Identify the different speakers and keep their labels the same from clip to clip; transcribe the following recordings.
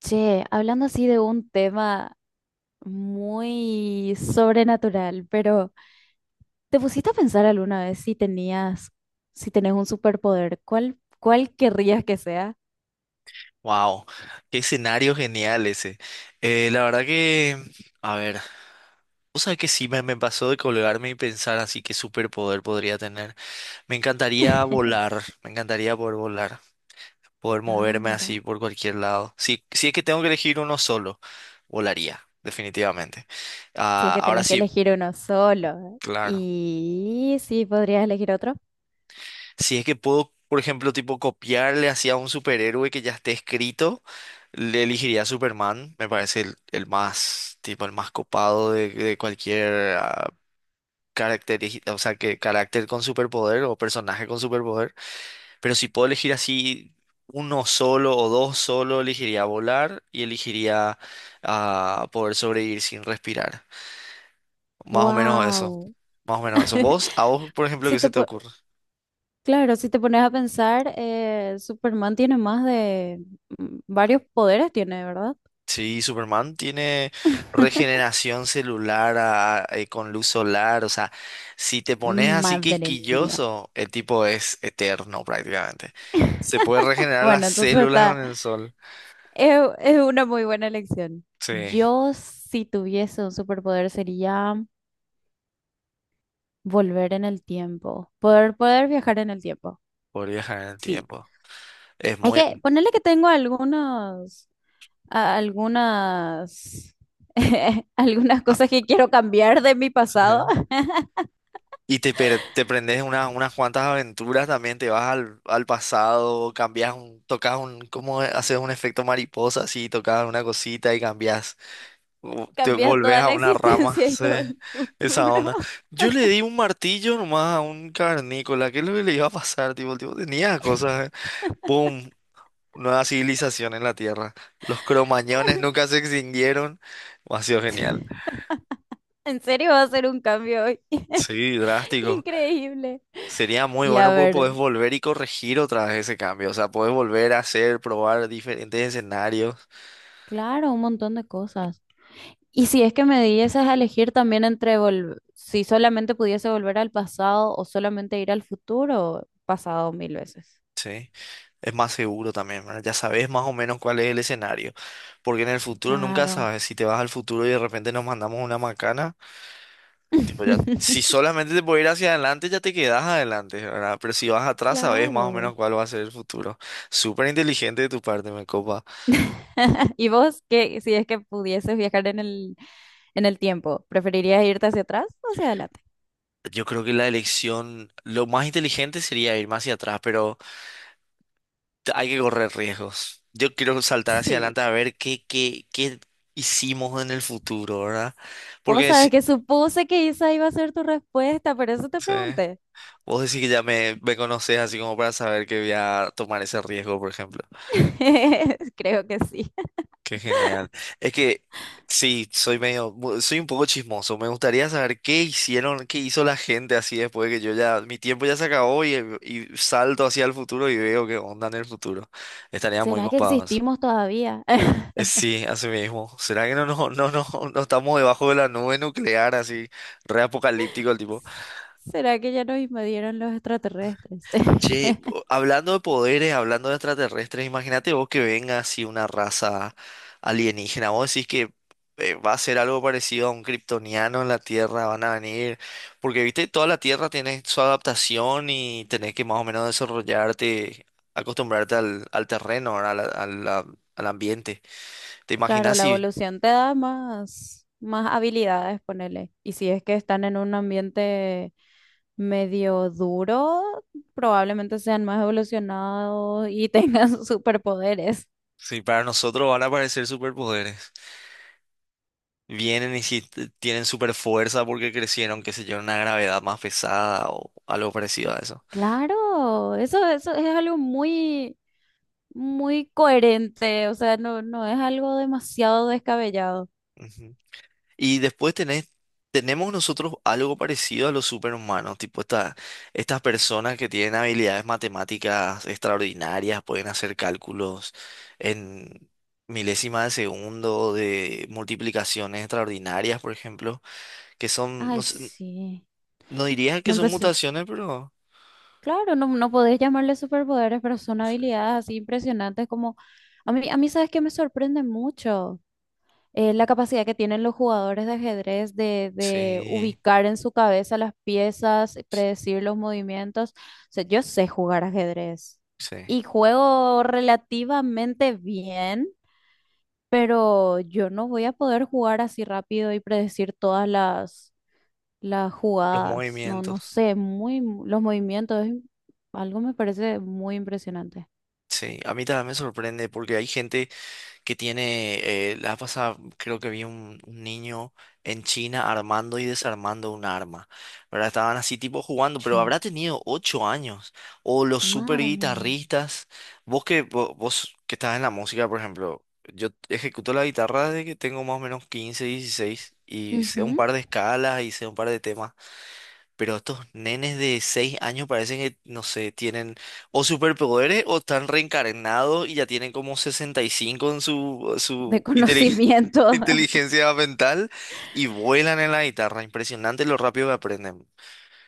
Speaker 1: Che, hablando así de un tema muy sobrenatural, pero ¿te pusiste a pensar alguna vez si tenés un superpoder? ¿Cuál querrías que sea?
Speaker 2: Wow, qué escenario genial ese. La verdad que, a ver, o sea que sí me pasó de colgarme y pensar así qué superpoder podría tener. Me encantaría volar, me encantaría poder volar, poder
Speaker 1: Ah,
Speaker 2: moverme así
Speaker 1: mira.
Speaker 2: por cualquier lado. Si es que tengo que elegir uno solo, volaría, definitivamente.
Speaker 1: Si es
Speaker 2: Ah,
Speaker 1: que
Speaker 2: ahora
Speaker 1: tenés que
Speaker 2: sí,
Speaker 1: elegir uno solo.
Speaker 2: claro.
Speaker 1: Y sí, podrías elegir otro.
Speaker 2: Si es que puedo, por ejemplo, tipo copiarle hacia un superhéroe que ya esté escrito, le elegiría a Superman. Me parece el más, tipo, el más copado de cualquier o sea, que carácter con superpoder o personaje con superpoder. Pero si puedo elegir así uno solo o dos solo, elegiría volar y elegiría poder sobrevivir sin respirar. Más o menos eso.
Speaker 1: Wow.
Speaker 2: Más o menos eso. ¿Vos, a vos, por ejemplo,
Speaker 1: Si
Speaker 2: qué se
Speaker 1: te,
Speaker 2: te
Speaker 1: po-
Speaker 2: ocurre?
Speaker 1: claro, si te pones a pensar, Superman tiene más de varios poderes, tiene, ¿verdad?
Speaker 2: Sí, Superman tiene regeneración celular con luz solar, o sea, si te pones así
Speaker 1: Madre mía.
Speaker 2: quisquilloso, el tipo es eterno prácticamente. Se puede regenerar
Speaker 1: Bueno,
Speaker 2: las células con el sol.
Speaker 1: es una muy buena elección.
Speaker 2: Sí,
Speaker 1: Yo, si tuviese un superpoder, sería volver en el tiempo, poder viajar en el tiempo.
Speaker 2: por viajar en el
Speaker 1: Sí.
Speaker 2: tiempo. Es
Speaker 1: Es
Speaker 2: muy...
Speaker 1: que ponerle que tengo algunos, a- algunas, algunas
Speaker 2: ah,
Speaker 1: cosas que quiero cambiar de mi
Speaker 2: sí.
Speaker 1: pasado,
Speaker 2: Y te prendes unas cuantas aventuras también, te vas al, al pasado, cambias un, tocas un, como haces un efecto mariposa así, tocas una cosita y cambias te
Speaker 1: cambiar
Speaker 2: volvés
Speaker 1: toda
Speaker 2: a
Speaker 1: la
Speaker 2: una rama,
Speaker 1: existencia y
Speaker 2: sí,
Speaker 1: todo el
Speaker 2: esa
Speaker 1: futuro.
Speaker 2: onda. Yo le di un martillo nomás a un cavernícola. ¿Qué es lo que le iba a pasar? Tipo, el tipo tenía cosas, ¿eh? ¡Pum! Nueva civilización en la Tierra. Los cromañones nunca se extinguieron. Ha sido genial.
Speaker 1: En serio va a ser un cambio hoy.
Speaker 2: Sí, drástico.
Speaker 1: Increíble.
Speaker 2: Sería muy
Speaker 1: Y a
Speaker 2: bueno porque
Speaker 1: ver,
Speaker 2: podés volver y corregir otra vez ese cambio. O sea, podés volver a hacer, probar diferentes escenarios.
Speaker 1: claro, un montón de cosas. Y si es que me dieses a elegir también si solamente pudiese volver al pasado o solamente ir al futuro, pasado mil veces.
Speaker 2: Sí. Es más seguro también, ¿verdad? Ya sabes más o menos cuál es el escenario. Porque en el futuro nunca
Speaker 1: Claro.
Speaker 2: sabes. Si te vas al futuro y de repente nos mandamos una macana, tipo ya, si solamente te puedes ir hacia adelante, ya te quedas adelante, ¿verdad? Pero si vas atrás, sabes más o menos
Speaker 1: Claro.
Speaker 2: cuál va a ser el futuro. Súper inteligente de tu parte, me copa.
Speaker 1: ¿Y vos qué, si es que pudieses viajar en el tiempo, preferirías irte hacia atrás o hacia adelante?
Speaker 2: Yo creo que la elección, lo más inteligente sería ir más hacia atrás, pero hay que correr riesgos. Yo quiero saltar hacia
Speaker 1: Sí.
Speaker 2: adelante a ver qué hicimos en el futuro, ¿verdad?
Speaker 1: Vos
Speaker 2: Porque
Speaker 1: sabés
Speaker 2: si-
Speaker 1: que supuse que esa iba a ser tu respuesta, por eso te
Speaker 2: sí.
Speaker 1: pregunté.
Speaker 2: Vos decís que ya me conocés así como para saber que voy a tomar ese riesgo, por ejemplo.
Speaker 1: Creo que sí.
Speaker 2: Qué genial. Es que sí, soy medio, soy un poco chismoso. Me gustaría saber qué hicieron, qué hizo la gente así después de que yo ya, mi tiempo ya se acabó y salto hacia el futuro y veo qué onda en el futuro. Estaría muy
Speaker 1: ¿Será que
Speaker 2: copados.
Speaker 1: existimos todavía?
Speaker 2: Sí, así mismo. ¿Será que no estamos debajo de la nube nuclear así, re apocalíptico el tipo?
Speaker 1: ¿Será que ya nos invadieron los extraterrestres?
Speaker 2: Che, hablando de poderes, hablando de extraterrestres, imagínate vos que venga así una raza alienígena. Vos decís que va a ser algo parecido a un kryptoniano en la Tierra, van a venir. Porque, viste, toda la Tierra tiene su adaptación y tenés que más o menos desarrollarte, acostumbrarte al terreno, ¿verdad? Al ambiente. ¿Te
Speaker 1: Claro,
Speaker 2: imaginas
Speaker 1: la
Speaker 2: si,
Speaker 1: evolución te da más habilidades, ponele. Y si es que están en un ambiente medio duro, probablemente sean más evolucionados y tengan superpoderes.
Speaker 2: si para nosotros van a aparecer superpoderes? Vienen y si tienen super fuerza porque crecieron, qué sé yo, en una gravedad más pesada o algo parecido a eso.
Speaker 1: Claro, eso es algo muy, muy coherente, o sea, no es algo demasiado descabellado.
Speaker 2: Ujú. Y después tenemos nosotros algo parecido a los superhumanos, tipo estas personas que tienen habilidades matemáticas extraordinarias, pueden hacer cálculos en milésimas de segundo, de multiplicaciones extraordinarias, por ejemplo, que son, no
Speaker 1: Ay,
Speaker 2: sé,
Speaker 1: sí.
Speaker 2: no diría que
Speaker 1: No
Speaker 2: son
Speaker 1: empecé.
Speaker 2: mutaciones, pero
Speaker 1: Claro, no podés llamarle superpoderes, pero son
Speaker 2: no sé.
Speaker 1: habilidades así impresionantes como... a mí sabes que me sorprende mucho la capacidad que tienen los jugadores de ajedrez de
Speaker 2: Sí,
Speaker 1: ubicar en su cabeza las piezas, predecir los movimientos. O sea, yo sé jugar ajedrez
Speaker 2: sí,
Speaker 1: y juego relativamente bien, pero yo no voy a poder jugar así rápido y predecir todas las
Speaker 2: los
Speaker 1: jugadas, no
Speaker 2: movimientos.
Speaker 1: sé, los movimientos, algo me parece muy impresionante.
Speaker 2: Sí, a mí también me sorprende porque hay gente que tiene, la pasada creo que vi un niño en China armando y desarmando un arma, ¿verdad? Estaban así tipo jugando,
Speaker 1: Che,
Speaker 2: pero habrá tenido ocho años. O los super
Speaker 1: madre mía.
Speaker 2: guitarristas, vos que, vos, que estás en la música, por ejemplo, yo ejecuto la guitarra desde que tengo más o menos 15, 16 y sé un
Speaker 1: Ujú.
Speaker 2: par de escalas y sé un par de temas. Pero estos nenes de 6 años parecen que, no sé, tienen o superpoderes o están reencarnados y ya tienen como 65 en su,
Speaker 1: De
Speaker 2: su
Speaker 1: conocimiento.
Speaker 2: inteligencia mental y vuelan en la guitarra. Impresionante lo rápido que aprenden.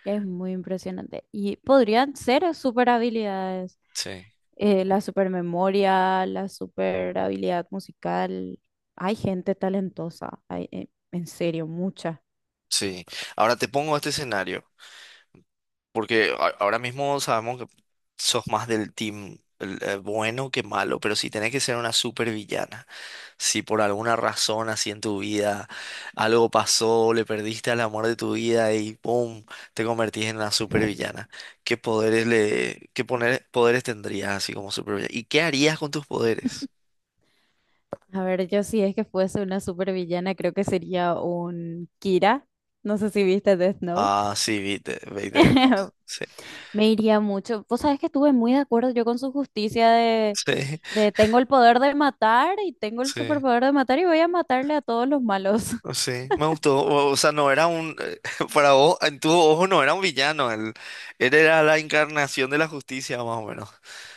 Speaker 1: Es muy impresionante. Y podrían ser super habilidades.
Speaker 2: Sí,
Speaker 1: La super memoria, la super habilidad musical. Hay gente talentosa. Hay, en serio, mucha.
Speaker 2: sí. Ahora te pongo este escenario, porque ahora mismo sabemos que sos más del team bueno que malo, pero si tenés que ser una supervillana. Si por alguna razón así en tu vida algo pasó, le perdiste al amor de tu vida y ¡pum! Te convertís en una supervillana. ¿Qué poderes le, qué poner, poderes tendrías así como supervillana? ¿Y qué harías con tus poderes?
Speaker 1: A ver, yo si es que fuese una supervillana, creo que sería un Kira. No sé si viste Death Note.
Speaker 2: Ah, sí, viste, viste, no, sí,
Speaker 1: Me iría mucho. Vos sabés que estuve muy de acuerdo yo con su justicia
Speaker 2: sí,
Speaker 1: de tengo el poder de matar y tengo el
Speaker 2: sí,
Speaker 1: superpoder de matar y voy a matarle a todos los malos.
Speaker 2: no, sí, me gustó. O sea, no era un, para vos, en tu ojo no era un villano, él era la encarnación de la justicia más o menos.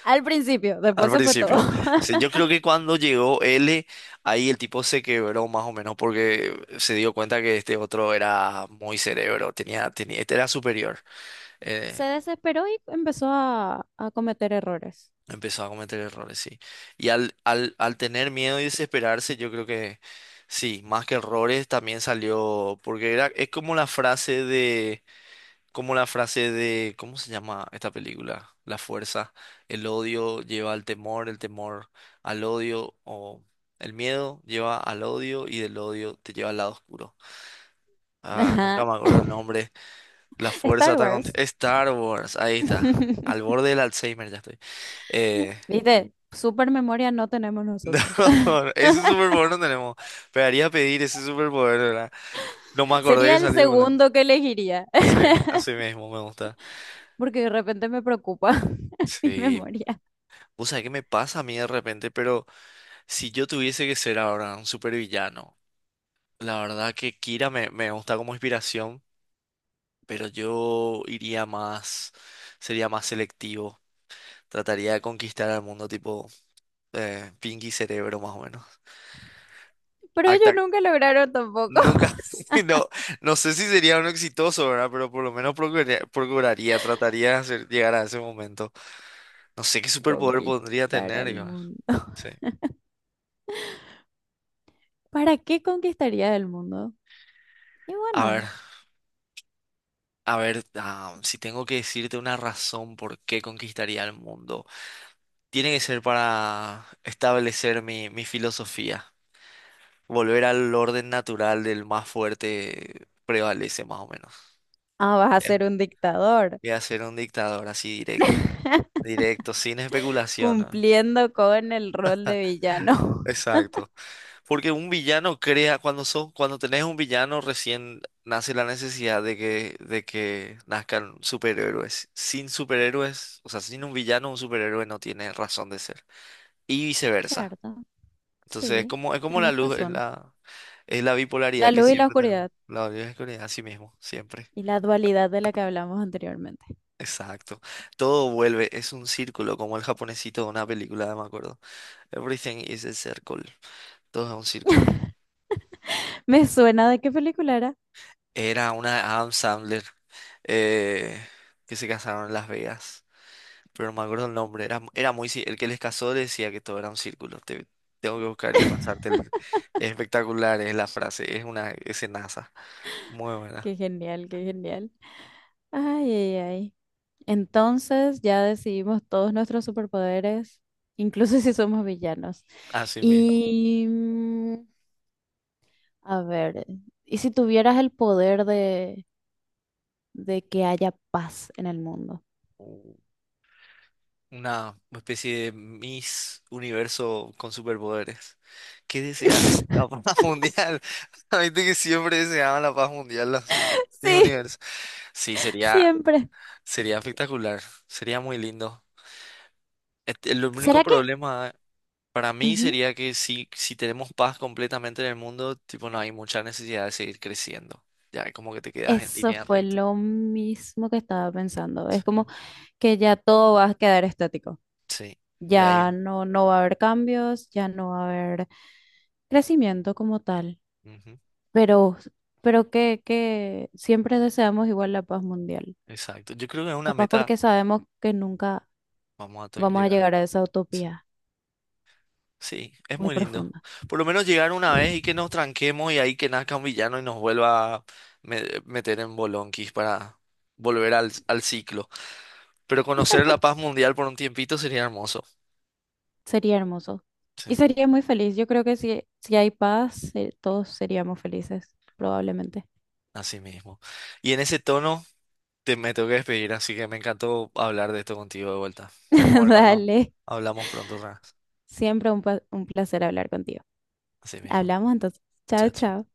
Speaker 1: Al principio,
Speaker 2: Al
Speaker 1: después se fue todo.
Speaker 2: principio. Sí, yo creo que cuando llegó L, ahí el tipo se quebró más o menos porque se dio cuenta que este otro era muy cerebro, este era superior.
Speaker 1: Se
Speaker 2: eh,
Speaker 1: desesperó y empezó a cometer errores.
Speaker 2: Empezó a cometer errores, sí. Y al tener miedo y desesperarse, yo creo que sí, más que errores, también salió, porque era, es como la frase de. Como la frase de, ¿cómo se llama esta película? La fuerza, el odio lleva al temor, el temor al odio, o el miedo lleva al odio y del odio te lleva al lado oscuro. Ah, nunca
Speaker 1: Ajá.
Speaker 2: me acuerdo el nombre. La fuerza
Speaker 1: Star
Speaker 2: está con...
Speaker 1: Wars.
Speaker 2: Star Wars, ahí está. Al borde del Alzheimer ya estoy. Eh,
Speaker 1: ¿Viste? Super memoria no tenemos
Speaker 2: no,
Speaker 1: nosotros.
Speaker 2: ese superpoder no tenemos. Pegaría a pedir ese superpoder, ¿verdad? No me acordé
Speaker 1: Sería
Speaker 2: de
Speaker 1: el
Speaker 2: salir volando.
Speaker 1: segundo que elegiría,
Speaker 2: Sí, así mismo me gusta.
Speaker 1: porque de repente me preocupa mi
Speaker 2: Sí,
Speaker 1: memoria.
Speaker 2: vos sabés qué me pasa a mí de repente, pero... Si yo tuviese que ser ahora un supervillano, la verdad que Kira me gusta como inspiración, pero yo iría más, sería más selectivo. Trataría de conquistar al mundo tipo Pinky Cerebro más o menos.
Speaker 1: Pero ellos
Speaker 2: Acta-
Speaker 1: nunca lograron tampoco.
Speaker 2: nunca, no, no sé si sería uno exitoso, ¿verdad? Pero por lo menos trataría de llegar a ese momento. No sé qué superpoder podría
Speaker 1: Conquistar
Speaker 2: tener,
Speaker 1: al
Speaker 2: yo.
Speaker 1: mundo.
Speaker 2: Sí.
Speaker 1: ¿Para qué conquistarías el mundo? Y
Speaker 2: A ver,
Speaker 1: bueno,
Speaker 2: a ver, si tengo que decirte una razón por qué conquistaría el mundo. Tiene que ser para establecer mi filosofía. Volver al orden natural del más fuerte prevalece más o menos.
Speaker 1: vas a
Speaker 2: Ya.
Speaker 1: ser un dictador,
Speaker 2: Voy a ser un dictador así directo. Directo, sin especulación, ¿no?
Speaker 1: cumpliendo con el rol de villano.
Speaker 2: Exacto. Porque un villano crea, cuando son, cuando tenés un villano, recién nace la necesidad de que nazcan superhéroes. Sin superhéroes, o sea, sin un villano, un superhéroe no tiene razón de ser. Y viceversa.
Speaker 1: Cierto,
Speaker 2: Entonces
Speaker 1: sí,
Speaker 2: es como la
Speaker 1: tenés
Speaker 2: luz,
Speaker 1: razón.
Speaker 2: es la
Speaker 1: La
Speaker 2: bipolaridad que
Speaker 1: luz y la
Speaker 2: siempre tenemos.
Speaker 1: oscuridad
Speaker 2: La bipolaridad, así mismo, siempre.
Speaker 1: y la dualidad de la que hablamos anteriormente.
Speaker 2: Exacto. Todo vuelve, es un círculo, como el japonesito de una película, me acuerdo. Everything is a circle. Todo es un círculo.
Speaker 1: Me suena de qué película era.
Speaker 2: Era una Adam Sandler eh, que se casaron en Las Vegas. Pero no me acuerdo el nombre. Era muy, el que les casó decía que todo era un círculo. Tengo que buscar y pasarte el. Es espectacular, es la frase. Es una escenaza. Muy buena.
Speaker 1: Qué genial, qué genial. Ay, ay, ay. Entonces ya decidimos todos nuestros superpoderes, incluso si somos villanos.
Speaker 2: Así mismo.
Speaker 1: Y a ver, ¿y si tuvieras el poder de que haya paz en el mundo?
Speaker 2: Una especie de Miss Universo con superpoderes. ¿Qué desean? La paz mundial. La gente que siempre deseaba la paz mundial, la Miss
Speaker 1: Sí,
Speaker 2: Universo. Sí, sería,
Speaker 1: siempre.
Speaker 2: sería espectacular, sería muy lindo. Este, el
Speaker 1: ¿Será
Speaker 2: único
Speaker 1: que?
Speaker 2: problema para mí
Speaker 1: Ujú,
Speaker 2: sería que si, si tenemos paz completamente en el mundo, tipo, no hay mucha necesidad de seguir creciendo. Ya como que te quedas en
Speaker 1: eso
Speaker 2: línea
Speaker 1: fue
Speaker 2: recta.
Speaker 1: lo mismo que estaba pensando. Es
Speaker 2: Sí,
Speaker 1: como que ya todo va a quedar estático.
Speaker 2: sí, ya hay.
Speaker 1: Ya no va a haber cambios, ya no va a haber crecimiento como tal.
Speaker 2: Ujú.
Speaker 1: Pero, pero que siempre deseamos igual la paz mundial.
Speaker 2: Exacto. Yo creo que es una
Speaker 1: Capaz
Speaker 2: meta.
Speaker 1: porque sabemos que nunca
Speaker 2: Vamos a
Speaker 1: vamos a
Speaker 2: llegar.
Speaker 1: llegar a esa
Speaker 2: Sí.
Speaker 1: utopía
Speaker 2: Sí, es
Speaker 1: muy
Speaker 2: muy lindo.
Speaker 1: profunda.
Speaker 2: Por lo menos llegar una vez y que nos tranquemos y ahí que nazca un villano y nos vuelva a meter en bolonquis para volver al, al ciclo. Pero conocer la paz mundial por un tiempito sería hermoso.
Speaker 1: Sería hermoso.
Speaker 2: Sí,
Speaker 1: Y sería muy feliz. Yo creo que si hay paz, todos seríamos felices, probablemente.
Speaker 2: así mismo. Y en ese tono me tengo que despedir, así que me encantó hablar de esto contigo de vuelta. Vamos a ver cuando
Speaker 1: Dale.
Speaker 2: hablamos pronto otra vez.
Speaker 1: Siempre un placer hablar contigo.
Speaker 2: Así mismo.
Speaker 1: Hablamos entonces. Chao,
Speaker 2: Chao,
Speaker 1: chao.
Speaker 2: chao.